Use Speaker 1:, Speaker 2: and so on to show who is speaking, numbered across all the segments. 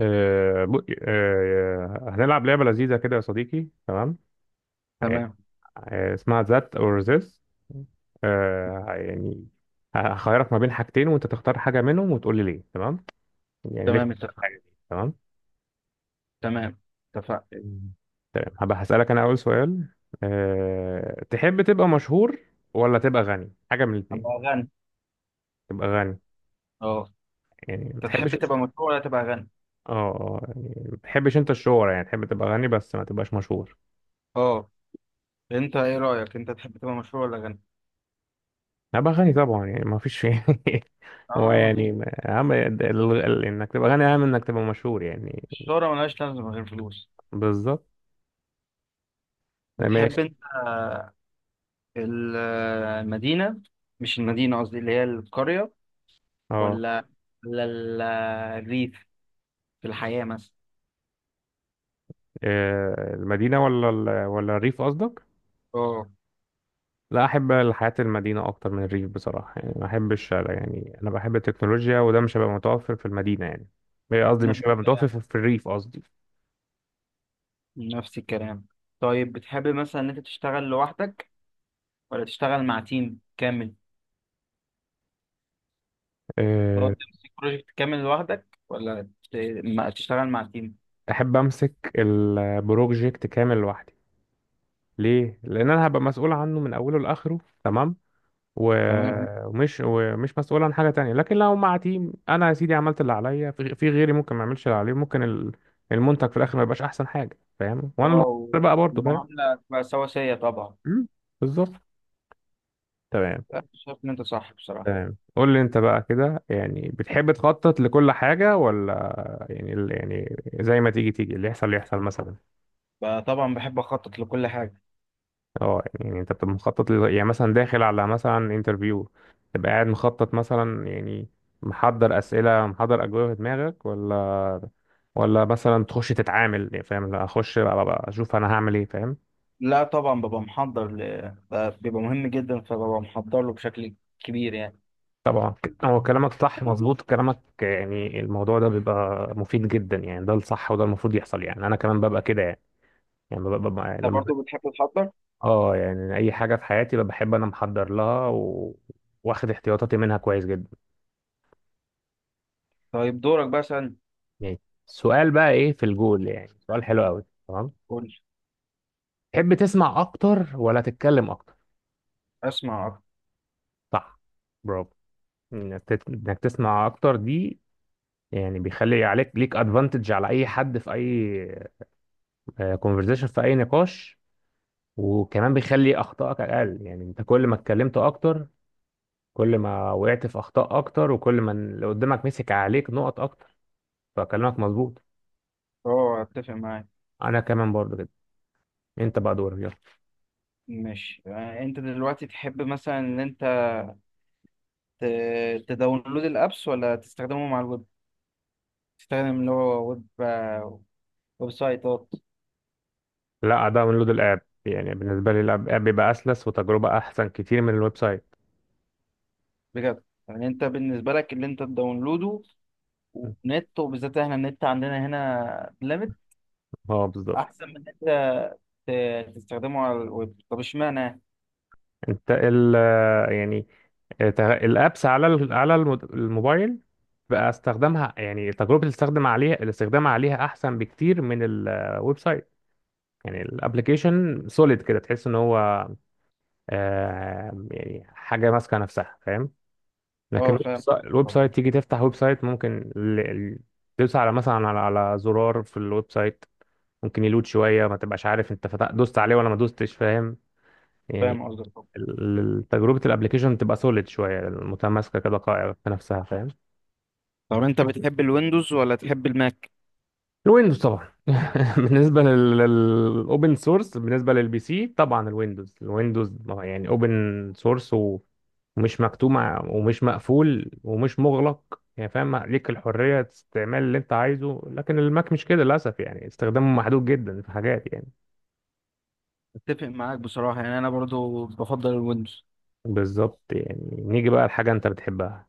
Speaker 1: هنلعب لعبة لذيذة كده يا صديقي. تمام.
Speaker 2: تمام.
Speaker 1: اسمها ذات أو ذس، يعني هخيرك ما بين حاجتين وأنت تختار حاجة منهم وتقول لي ليه. تمام، يعني ليه اخترت
Speaker 2: تمام اتفق.
Speaker 1: الحاجة دي. تمام.
Speaker 2: تمام اتفق.
Speaker 1: مم. تمام، هبقى هسألك أنا أول سؤال. تحب تبقى مشهور ولا تبقى غني؟ حاجة من
Speaker 2: ابقى
Speaker 1: الاتنين.
Speaker 2: غني.
Speaker 1: تبقى غني؟
Speaker 2: اه.
Speaker 1: يعني ما
Speaker 2: انت تحب
Speaker 1: تحبش.
Speaker 2: تبقى مشهور ولا تبقى غني؟
Speaker 1: اه، يعني ما تحبش أنت الشهرة، يعني تحب تبقى غني بس ما تبقاش مشهور.
Speaker 2: اه. انت ايه رايك، انت تحب تبقى مشهور ولا غني؟
Speaker 1: هبقى غني طبعا، يعني ما فيش فيه هو
Speaker 2: اه مفيش.
Speaker 1: يعني اهم انك تبقى غني اهم من انك تبقى مشهور يعني.
Speaker 2: الشهرة ملهاش لازمه غير فلوس.
Speaker 1: بالظبط. ماشي.
Speaker 2: بتحب انت آه، المدينه، مش المدينه قصدي اللي هي القريه،
Speaker 1: اه،
Speaker 2: ولا ولا الريف في الحياه مثلا؟
Speaker 1: المدينة ولا ولا الريف قصدك.
Speaker 2: اه.
Speaker 1: لا، احب الحياة المدينة اكتر من الريف بصراحة، يعني ما احبش، يعني انا بحب التكنولوجيا وده مش هيبقى متوفر في المدينة يعني. قصدي مش
Speaker 2: نفس
Speaker 1: هيبقى متوفر
Speaker 2: الكلام.
Speaker 1: في الريف قصدي.
Speaker 2: نفس الكلام. طيب بتحب مثلا ان انت تشتغل لوحدك ولا تشتغل مع تيم كامل؟ هو
Speaker 1: آه،
Speaker 2: تمسك بروجكت كامل لوحدك ولا تشتغل مع تيم؟
Speaker 1: احب امسك البروجكت كامل لوحدي. ليه؟ لان انا هبقى مسؤول عنه من اوله لاخره. تمام. تمام،
Speaker 2: تمام.
Speaker 1: ومش مسؤول عن حاجة تانية، لكن لو مع تيم أنا يا سيدي عملت اللي عليا، في غيري ممكن ما يعملش اللي عليه، ممكن المنتج في الآخر ما يبقاش أحسن حاجة، فاهم؟ وأنا اللي
Speaker 2: اه.
Speaker 1: هخسر بقى برضه، فاهم؟
Speaker 2: المعاملة تبقى سواسية طبعا.
Speaker 1: مم، بالظبط. تمام.
Speaker 2: لا، شايف إن أنت صح بصراحة.
Speaker 1: تمام، قول لي أنت بقى، كده يعني بتحب تخطط لكل حاجة، ولا يعني يعني زي ما تيجي تيجي، اللي يحصل اللي يحصل مثلا.
Speaker 2: طبعا بحب أخطط لكل حاجة.
Speaker 1: اه، يعني أنت بتبقى مخطط يعني مثلا داخل على مثلا انترفيو، تبقى قاعد مخطط مثلا، يعني محضر أسئلة، محضر أجوبة في دماغك، ولا ولا مثلا تخش تتعامل يعني، فاهم؟ لا اخش بقى بقى اشوف انا هعمل ايه، فاهم؟
Speaker 2: لا طبعا ببقى محضر بيبقى مهم جدا فببقى محضر له بشكل كبير يعني.
Speaker 1: طبعا، هو كلامك صح، مظبوط كلامك، يعني الموضوع ده بيبقى مفيد جدا، يعني ده الصح وده المفروض يحصل يعني، انا كمان ببقى كده يعني. يعني ببقى يعني
Speaker 2: أنت
Speaker 1: لما
Speaker 2: برضه بتحب تحضر؟
Speaker 1: اه، يعني اي حاجه في حياتي ببقى بحب انا محضر لها، و... واخد احتياطاتي منها كويس جدا.
Speaker 2: طيب دورك بقى سألني.
Speaker 1: يعني السؤال بقى ايه في الجول، يعني سؤال حلو قوي. تمام.
Speaker 2: قول.
Speaker 1: تحب تسمع اكتر ولا تتكلم اكتر؟
Speaker 2: أسمع أكتر.
Speaker 1: صح. برافو. إنك تسمع اكتر دي يعني بيخلي عليك، ليك ادفانتج على اي حد في اي كونفرزيشن، في اي نقاش. وكمان بيخلي اخطائك اقل، يعني انت كل ما اتكلمت اكتر كل ما وقعت في اخطاء اكتر، وكل ما اللي قدامك مسك عليك نقط اكتر. فكلامك مظبوط.
Speaker 2: أه أتفق معاك.
Speaker 1: انا كمان برضو كده. انت بقى دورك يلا.
Speaker 2: ماشي، يعني أنت دلوقتي تحب مثلا إن أنت ت- تداونلود الأبس ولا تستخدمه مع الويب؟ تستخدم اللي هو ويب، ويب سايتات؟
Speaker 1: لا، ده من لود الاب، يعني بالنسبه لي الاب آب بيبقى اسلس وتجربه احسن كتير من الويب سايت.
Speaker 2: بجد؟ يعني انت بالنسبه لك اللي انت تداونلوده، ونت وبالذات احنا النت عندنا هنا ليميت،
Speaker 1: اه بالظبط.
Speaker 2: احسن من ان انت تستخدمه على الويب؟ طب اشمعنى؟
Speaker 1: انت ال آه، يعني الابس على الموبايل بقى استخدامها، يعني تجربه الاستخدام عليها احسن بكتير من الويب سايت. يعني الابلكيشن سوليد كده، تحس ان هو يعني حاجه ماسكه نفسها، فاهم؟ لكن
Speaker 2: اه فاهم.
Speaker 1: الويب
Speaker 2: طب.
Speaker 1: سايت تيجي تفتح ويب سايت، ممكن تدوس على مثلا على زرار في الويب سايت، ممكن يلود شويه، ما تبقاش عارف انت فتح دوست عليه ولا ما دوستش، فاهم يعني؟
Speaker 2: فاهم قصدك. طب
Speaker 1: تجربه الابلكيشن تبقى سوليد شويه، متماسكه كده، قائمه في نفسها، فاهم؟
Speaker 2: طب انت بتحب الويندوز ولا تحب الماك؟
Speaker 1: الويندوز طبعا. بالنسبه للاوبن سورس، بالنسبه للبي سي، طبعا الويندوز. يعني اوبن سورس ومش مكتوم، ومش مقفول ومش مغلق يعني، فاهم؟ ليك الحريه استعمال اللي انت عايزه، لكن الماك مش كده للاسف، يعني استخدامه محدود جدا في حاجات يعني.
Speaker 2: اتفق معاك بصراحه، يعني انا برضو بفضل الويندوز.
Speaker 1: بالظبط. يعني نيجي بقى لحاجه انت بتحبها.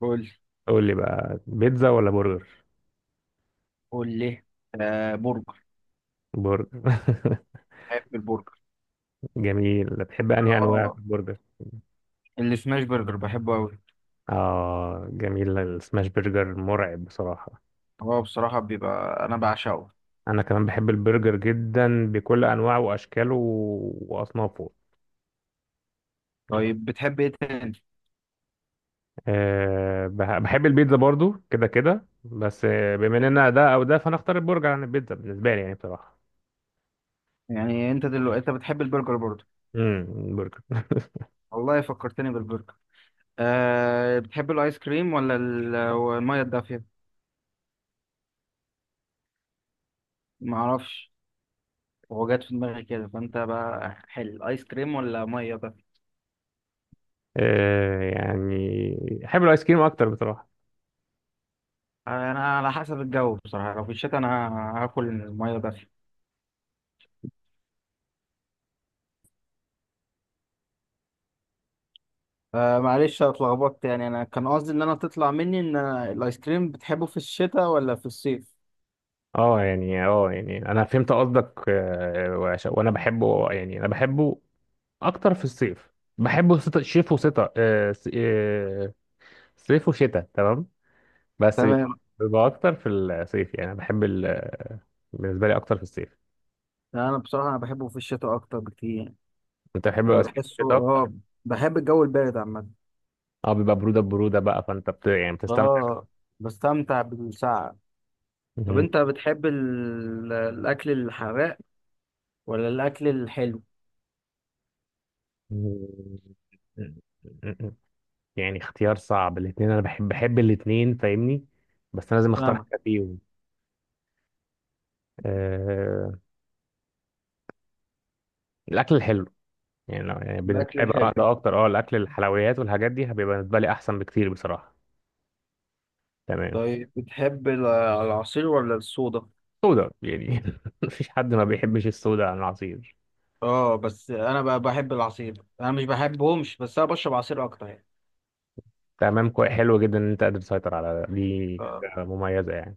Speaker 2: قول.
Speaker 1: قول لي بقى، بيتزا ولا برجر؟
Speaker 2: قول ليه. آه برجر.
Speaker 1: برجر.
Speaker 2: بحب البرجر.
Speaker 1: جميل، بتحب انهي انواع في
Speaker 2: اه
Speaker 1: البرجر؟
Speaker 2: السماش برجر بحبه قوي.
Speaker 1: اه جميل، السماش برجر مرعب بصراحه.
Speaker 2: هو بصراحه بيبقى، انا بعشقه.
Speaker 1: انا كمان بحب البرجر جدا بكل انواعه واشكاله واصنافه.
Speaker 2: طيب بتحب ايه تاني؟
Speaker 1: أه، بحب البيتزا برضو كده كده، بس بما اننا ده او ده، فانا اختار البرجر عن البيتزا بالنسبه لي يعني، بصراحه.
Speaker 2: يعني انت دلوقتي انت بتحب البرجر برضه؟
Speaker 1: البرجر.
Speaker 2: والله فكرتني بالبرجر. أه، بتحب الايس كريم ولا الميه الدافيه؟ ما اعرفش، هو جات في دماغي كده، فانت بقى حل، ايس كريم ولا ميه دافيه؟
Speaker 1: أه، يعني احب الايس كريم اكتر بصراحه.
Speaker 2: انا على حسب الجو بصراحه، لو في الشتاء انا هاكل الميه دافيه. أه معلش أنا اتلخبطت، يعني انا كان قصدي ان انا تطلع مني ان أنا الايس كريم بتحبه في الشتاء ولا في الصيف.
Speaker 1: اه يعني، اه يعني انا فهمت قصدك، وانا بحبه، يعني انا بحبه اكتر في الصيف. بحبه شتا- شيف وشتاء، صيف وشتاء. تمام. بس بيبقى
Speaker 2: تمام.
Speaker 1: اكتر في الصيف، يعني انا بحب ال... بالنسبه لي اكتر في الصيف.
Speaker 2: لا، انا بصراحه انا بحبه في الشتاء اكتر بكتير.
Speaker 1: انت بتحب
Speaker 2: أنا
Speaker 1: بقى صيف
Speaker 2: بحسه،
Speaker 1: الشتاء اكتر.
Speaker 2: اه، بحب الجو البارد عامة.
Speaker 1: اه بيبقى بروده، بقى فانت بت... يعني بتستمتع.
Speaker 2: اه بستمتع بالساعة. طب
Speaker 1: مم.
Speaker 2: انت بتحب الاكل الحراق ولا الاكل الحلو؟
Speaker 1: يعني اختيار صعب، الاثنين انا بحب الاثنين، فاهمني؟ بس انا لازم اختار
Speaker 2: فاهمك.
Speaker 1: حاجه فيهم. آه... الاكل الحلو. يعني لو يعني بالنسبه
Speaker 2: الاكل
Speaker 1: لي
Speaker 2: الحلو.
Speaker 1: بقى، ده اكتر اه الاكل الحلويات والحاجات دي هيبقى بالنسبه لي احسن بكتير بصراحه. تمام.
Speaker 2: طيب بتحب العصير ولا الصودا؟
Speaker 1: سودا يعني. مفيش حد ما بيحبش السودا عن العصير.
Speaker 2: اه بس انا بقى بحب العصير، انا مش بحبهمش بس انا بشرب عصير اكتر يعني.
Speaker 1: تمام، كوي. حلو جدا ان انت قادر تسيطر على ده. دي
Speaker 2: آه.
Speaker 1: حاجه مميزه يعني.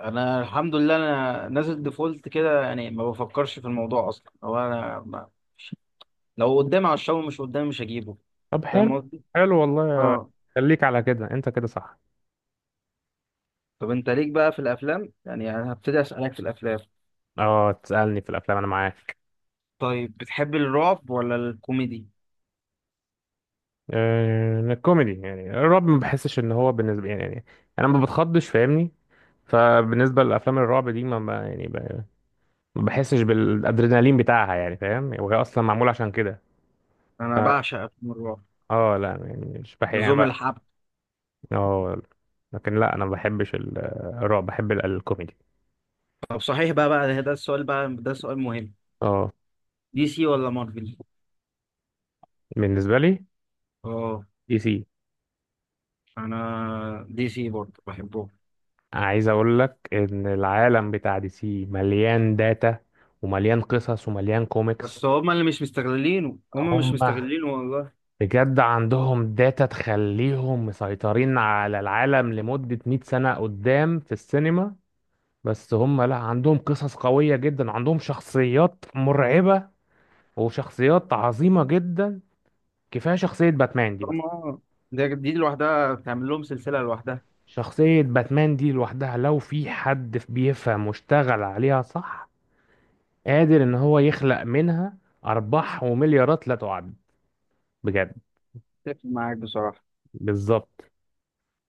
Speaker 2: انا الحمد لله انا نازل ديفولت كده، يعني ما بفكرش في الموضوع اصلا، هو انا ما... لو قدامي هشربه، مش قدامي مش هجيبه.
Speaker 1: طب
Speaker 2: فاهم
Speaker 1: حلو.
Speaker 2: قصدي؟
Speaker 1: حلو والله.
Speaker 2: اه.
Speaker 1: خليك على كده، انت كده صح.
Speaker 2: طب انت ليك بقى في الافلام، يعني انا هبتدي اسالك في الافلام.
Speaker 1: اه تسالني في الافلام، انا معاك.
Speaker 2: طيب بتحب الرعب ولا الكوميدي؟
Speaker 1: الكوميدي. يعني الرعب ما بحسش ان هو بالنسبه يعني انا ما بتخضش، فاهمني؟ فبالنسبه للافلام الرعب دي ما بحسش بالادرينالين بتاعها يعني، فاهم؟ وهي اصلا معمول عشان كده.
Speaker 2: انا
Speaker 1: اه،
Speaker 2: بعشق افلام الرعب.
Speaker 1: لا يعني مش بحب يعني
Speaker 2: لزوم
Speaker 1: بقى.
Speaker 2: الحب.
Speaker 1: اه، لكن لا، انا ما بحبش الرعب، بحب الكوميدي.
Speaker 2: طب صحيح بقى، ده السؤال بقى، ده سؤال مهم.
Speaker 1: اه،
Speaker 2: دي سي ولا مارفل؟
Speaker 1: بالنسبه لي
Speaker 2: اه
Speaker 1: دي سي.
Speaker 2: انا دي سي برضه بحبهم.
Speaker 1: عايز اقول لك ان العالم بتاع دي سي مليان داتا، ومليان قصص، ومليان كوميكس.
Speaker 2: بس هما اللي مش مستغلينه، هما مش
Speaker 1: هم
Speaker 2: مستغلينه والله.
Speaker 1: بجد عندهم داتا تخليهم مسيطرين على العالم لمدة 100 سنة قدام في السينما. بس هم، لا، عندهم قصص قوية جدا، عندهم شخصيات مرعبة وشخصيات عظيمة جدا. كفاية شخصية باتمان دي بس.
Speaker 2: هما اه. ده دي لوحدها تعمل لهم سلسله لوحدها.
Speaker 1: شخصية باتمان دي لوحدها، لو في حد بيفهم واشتغل عليها صح، قادر ان هو يخلق منها ارباح ومليارات لا تعد، بجد.
Speaker 2: اتفق معاك بصراحه.
Speaker 1: بالظبط.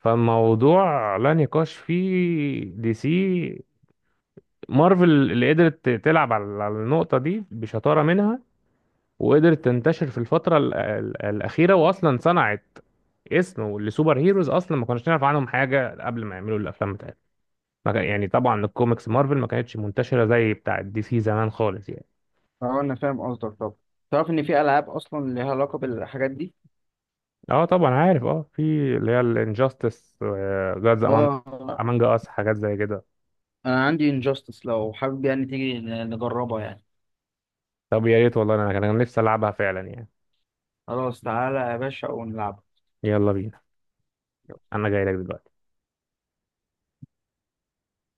Speaker 1: فالموضوع لا نقاش فيه، دي سي. مارفل اللي قدرت تلعب على النقطة دي بشطارة منها، وقدرت تنتشر في الفترة الأخيرة، وأصلا صنعت اسم لسوبر هيروز أصلا ما كناش نعرف عنهم حاجة قبل ما يعملوا الأفلام بتاعتهم. ما كان- يعني طبعا الكوميكس مارفل ما كانتش منتشرة زي بتاعة دي سي زمان خالص يعني.
Speaker 2: اه انا فاهم قصدك. طب تعرف ان في العاب اصلا ليها علاقه بالحاجات دي؟
Speaker 1: اه طبعا عارف، اه في اللي هي الانجاستس، جاد امانج،
Speaker 2: اه
Speaker 1: امانج اس، حاجات زي كده.
Speaker 2: انا عندي انجاستس، لو حابب يعني تيجي نجربها يعني.
Speaker 1: طب يا ريت والله، انا كان أنا نفسي العبها فعلا يعني.
Speaker 2: خلاص تعالى يا باشا ونلعب.
Speaker 1: يلا بينا، انا جاي لك دلوقتي.